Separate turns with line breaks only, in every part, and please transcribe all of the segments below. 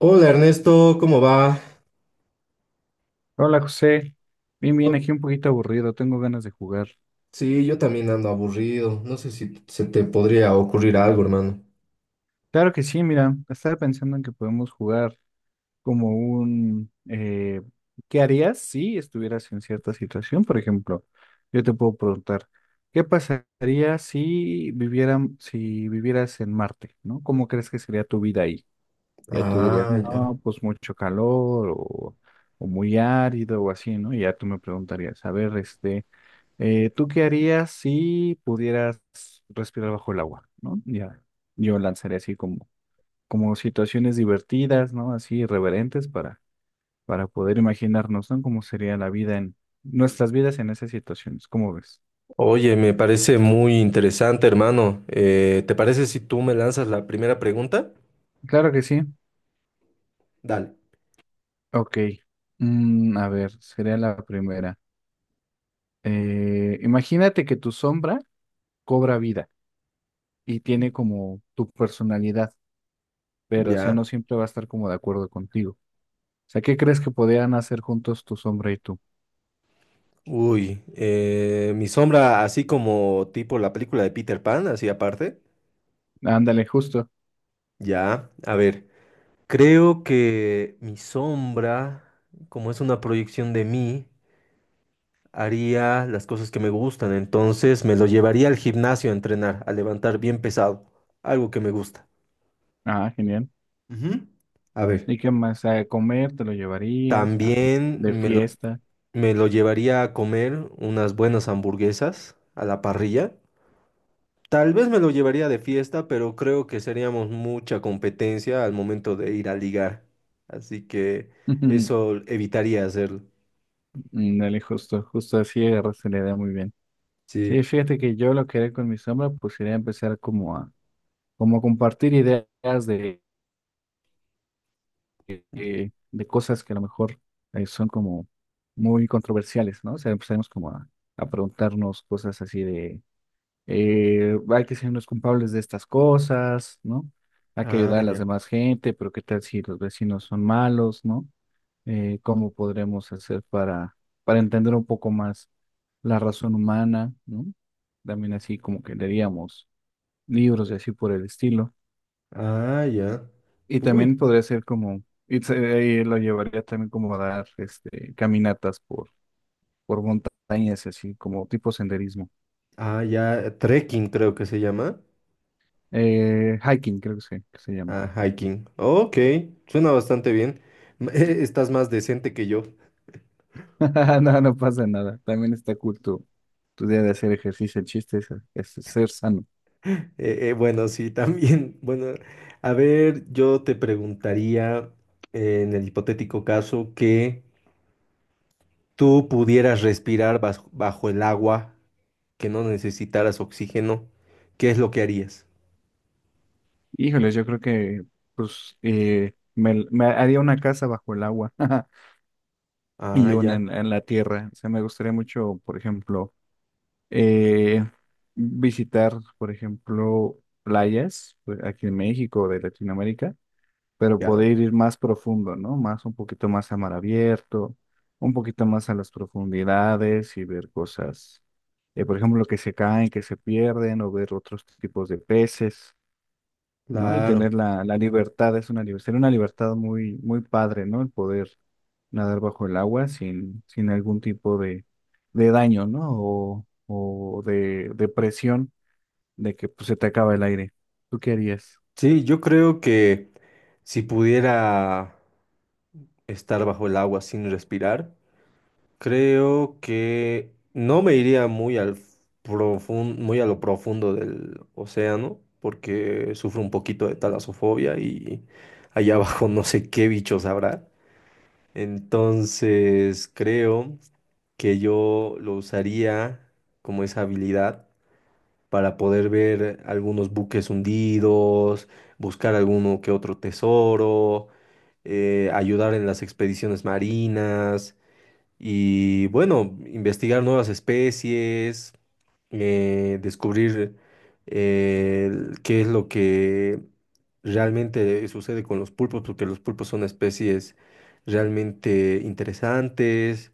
Hola Ernesto, ¿cómo va?
Hola José, bien, bien,
Oh,
aquí un poquito aburrido, tengo ganas de jugar.
sí, yo también ando aburrido. No sé si se te podría ocurrir algo, hermano.
Claro que sí, mira, estaba pensando en que podemos jugar como ¿qué harías si estuvieras en cierta situación? Por ejemplo, yo te puedo preguntar, ¿qué pasaría si vivieras en Marte? ¿No? ¿Cómo crees que sería tu vida ahí? Ya tú dirías,
Ah, ya.
no, pues mucho calor o muy árido o así, ¿no? Y ya tú me preguntarías, a ver, este... ¿tú qué harías si pudieras respirar bajo el agua? ¿No? Ya, yo lanzaré así como situaciones divertidas, ¿no? Así irreverentes para poder imaginarnos, ¿no? Cómo sería la vida en nuestras vidas en esas situaciones. ¿Cómo ves?
Oye, me parece muy interesante, hermano. ¿Te parece si tú me lanzas la primera pregunta?
Claro que sí.
Dale.
Ok. A ver, sería la primera. Imagínate que tu sombra cobra vida y tiene como tu personalidad, pero o sea,
Ya.
no siempre va a estar como de acuerdo contigo. Sea, ¿qué crees que podían hacer juntos tu sombra y tú?
Uy, mi sombra, así como tipo la película de Peter Pan, así aparte.
Ándale, justo.
Ya, a ver. Creo que mi sombra, como es una proyección de mí, haría las cosas que me gustan, entonces me lo llevaría al gimnasio a entrenar, a levantar bien pesado, algo que me gusta.
Ah, genial.
Ujú. A ver.
¿Y qué más? ¿A comer te lo llevarías?
También
¿De
me lo,
fiesta?
Me lo llevaría a comer unas buenas hamburguesas a la parrilla. Tal vez me lo llevaría de fiesta, pero creo que seríamos mucha competencia al momento de ir a ligar. Así que eso evitaría hacerlo.
Ándale, justo, justo así agarraste la idea muy bien. Sí,
Sí.
fíjate que yo lo que haré con mi sombra, pues sería empezar como a compartir ideas de cosas que a lo mejor son como muy controversiales, ¿no? O sea, empezaremos como a preguntarnos cosas así de hay que ser los culpables de estas cosas, ¿no? Hay que
Ah,
ayudar a las
ya.
demás gente, pero ¿qué tal si los vecinos son malos? ¿No? ¿Cómo podremos hacer para entender un poco más la razón humana? ¿No? También así como que leeríamos libros y así por el estilo.
Ah, ya.
Y
Uy.
también podría ser como, y ahí lo llevaría también como a dar caminatas por montañas, así como tipo senderismo.
Ah, ya. Trekking creo que se llama.
Hiking, creo que que se llama.
Ah, hiking. Ok, suena bastante bien. Estás más decente que yo.
No, no pasa nada. También está cool tu día de hacer ejercicio. El chiste es ser sano.
Bueno, sí, también. Bueno, a ver, yo te preguntaría en el hipotético caso que tú pudieras respirar bajo el agua, que no necesitaras oxígeno, ¿qué es lo que harías?
Híjoles, yo creo que pues me haría una casa bajo el agua y
Ah,
una
ya,
en la tierra. O sea, me gustaría mucho, por ejemplo, eh, visitar, por ejemplo, playas pues, aquí en México o de Latinoamérica. Pero
ya,
poder ir más profundo, ¿no? Más un poquito más a mar abierto, un poquito más a las profundidades y ver cosas, por ejemplo, que se caen, que se pierden, o ver otros tipos de peces, ¿no? Y
claro.
tener la libertad, es una libertad muy, muy padre, ¿no? El poder nadar bajo el agua sin algún tipo de daño, ¿no? O de presión de que pues, se te acaba el aire. ¿Tú qué harías?
Sí, yo creo que si pudiera estar bajo el agua sin respirar, creo que no me iría muy al muy a lo profundo del océano, porque sufro un poquito de talasofobia y allá abajo no sé qué bichos habrá. Entonces creo que yo lo usaría como esa habilidad para poder ver algunos buques hundidos, buscar alguno que otro tesoro, ayudar en las expediciones marinas. Y bueno, investigar nuevas especies, descubrir qué es lo que realmente sucede con los pulpos, porque los pulpos son especies realmente interesantes.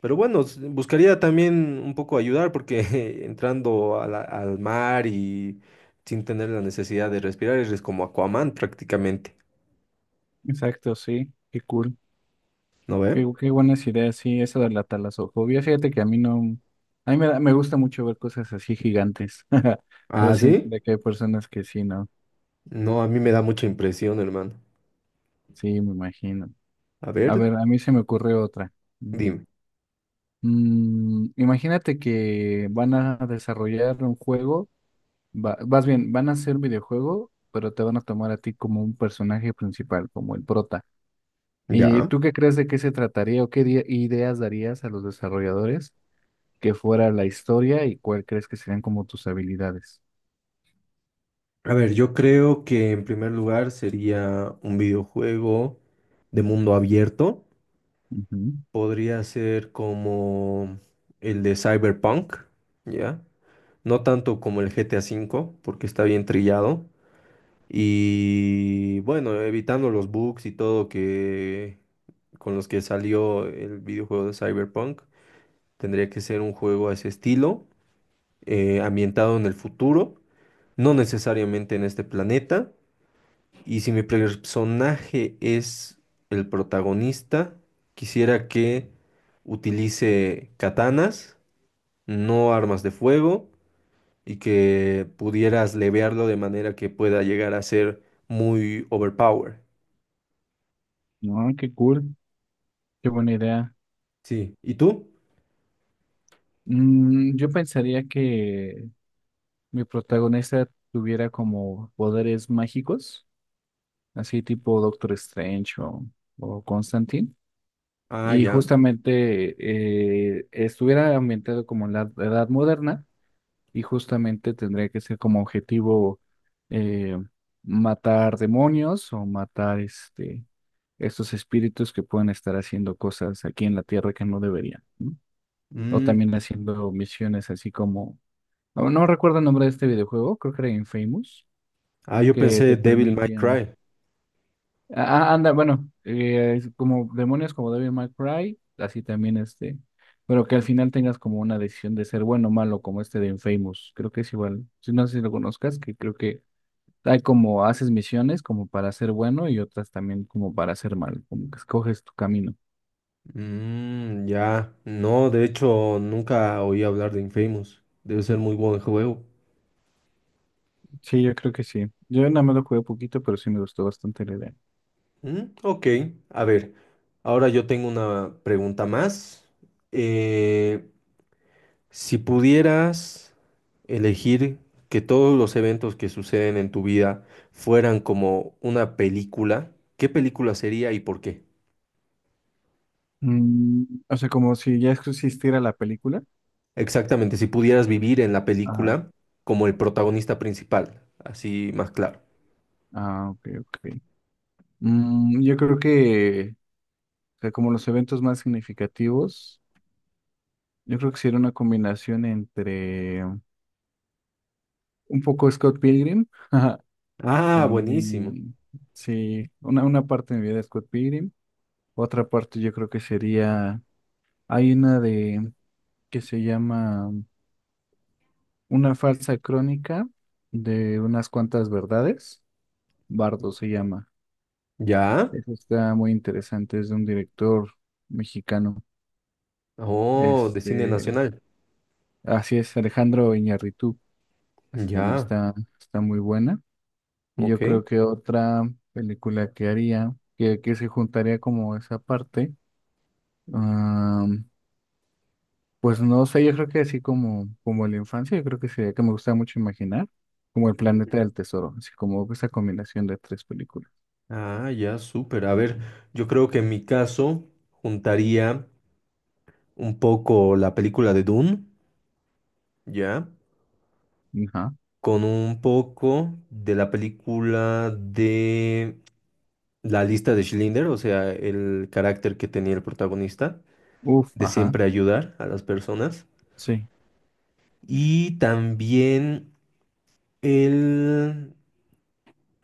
Pero bueno, buscaría también un poco ayudar, porque entrando a al mar y sin tener la necesidad de respirar, eres como Aquaman prácticamente,
Exacto, sí, qué cool.
¿no
Qué,
ve?
qué buenas ideas, sí, eso de la talasofobia. Fíjate que a mí no, a mí me gusta mucho ver cosas así gigantes. Pero
Ah,
sí
sí.
entiendo que hay personas que sí, ¿no?
No, a mí me da mucha impresión, hermano.
Sí, me imagino.
A
A
ver.
ver, a mí se me ocurre otra. ¿No?
Dime.
Imagínate que van a desarrollar un juego, más bien, van a hacer un videojuego, pero te van a tomar a ti como un personaje principal, como el prota. ¿Y
Ya.
tú qué crees de qué se trataría o qué ideas darías a los desarrolladores? Que fuera la historia y cuál crees que serían como tus habilidades.
A ver, yo creo que en primer lugar sería un videojuego de mundo abierto.
Ujú.
Podría ser como el de Cyberpunk, ¿ya? No tanto como el GTA 5 V, porque está bien trillado. Y bueno, evitando los bugs y todo que con los que salió el videojuego de Cyberpunk, tendría que ser un juego a ese estilo, ambientado en el futuro, no necesariamente en este planeta. Y si mi personaje es el protagonista, quisiera que utilice katanas, no armas de fuego, y que pudieras levearlo de manera que pueda llegar a ser muy overpower.
No, qué cool, qué buena idea.
Sí. ¿Y tú?
Yo pensaría que mi protagonista tuviera como poderes mágicos, así tipo Doctor Strange o Constantine,
Ah,
y
ya.
justamente estuviera ambientado como en la edad moderna y justamente tendría que ser como objetivo eh, matar demonios o matar estos espíritus que pueden estar haciendo cosas aquí en la tierra que no deberían, ¿no? O
Mm,
también haciendo misiones así como, no, no recuerdo el nombre de este videojuego, creo que era Infamous,
ah, yo
que
pensé
te
Devil May
permitían,
Cry.
ah, anda, bueno, es como demonios como Devil May Cry, así también este, pero que al final tengas como una decisión de ser bueno o malo, como este de Infamous, creo que es igual, si no sé si lo conozcas, que creo que hay como haces misiones como para ser bueno y otras también como para ser malo, como que escoges tu camino.
Mm, ya. No, de hecho, nunca oí hablar de Infamous. Debe ser muy buen juego.
Sí, yo creo que sí. Yo nada más lo jugué poquito, pero sí me gustó bastante la idea.
Mm, ok, a ver, ahora yo tengo una pregunta más. Eh, si pudieras elegir que todos los eventos que suceden en tu vida fueran como una película, ¿qué película sería y por qué?
Mm, o sea, como si ya existiera la película.
Exactamente, si pudieras vivir en la
Ajá.
película como el protagonista principal, así más claro.
Ah, ok, ok. Yo creo que, o sea, como los eventos más significativos, yo creo que sí era una combinación entre un poco Scott Pilgrim, ajá,
Ah, buenísimo.
también, sí, una parte de mi vida es Scott Pilgrim, otra parte yo creo que sería, hay una de, que se llama Una falsa crónica de unas cuantas verdades. Bardo se llama.
¿Ya?
Eso está muy interesante, es de un director mexicano.
Oh, de cine
Este,
nacional.
así es, Alejandro Iñárritu. Esa también
Ya,
está muy buena. Y
ok.
yo creo que otra película que haría, que se juntaría como esa parte, ah, pues no sé, yo creo que así como la infancia, yo creo que sería que me gusta mucho imaginar, como El Planeta del Tesoro, así como esa combinación de tres películas.
Ah, ya, súper. A ver, yo creo que en mi caso juntaría un poco la película de Dune, ¿ya?
Ajá.
Con un poco de la película de La lista de Schindler, o sea, el carácter que tenía el protagonista,
Uf,
de
ajá,
siempre ayudar a las personas.
sí.
Y también el...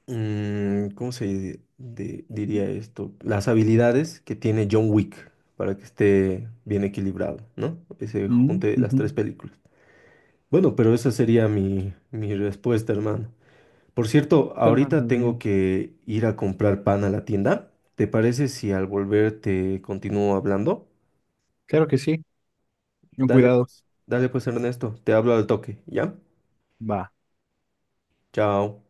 ¿cómo se diría esto? Las habilidades que tiene John Wick para que esté bien equilibrado, ¿no? Ese
Mm,
junte las tres
ujú.
películas. Bueno, pero esa sería mi respuesta, hermano. Por cierto,
Suena
ahorita
muy
tengo
bien.
que ir a comprar pan a la tienda. ¿Te parece si al volver te continúo hablando?
Claro que sí, con cuidado.
Dale pues, Ernesto, te hablo al toque, ¿ya?
Va.
Chao.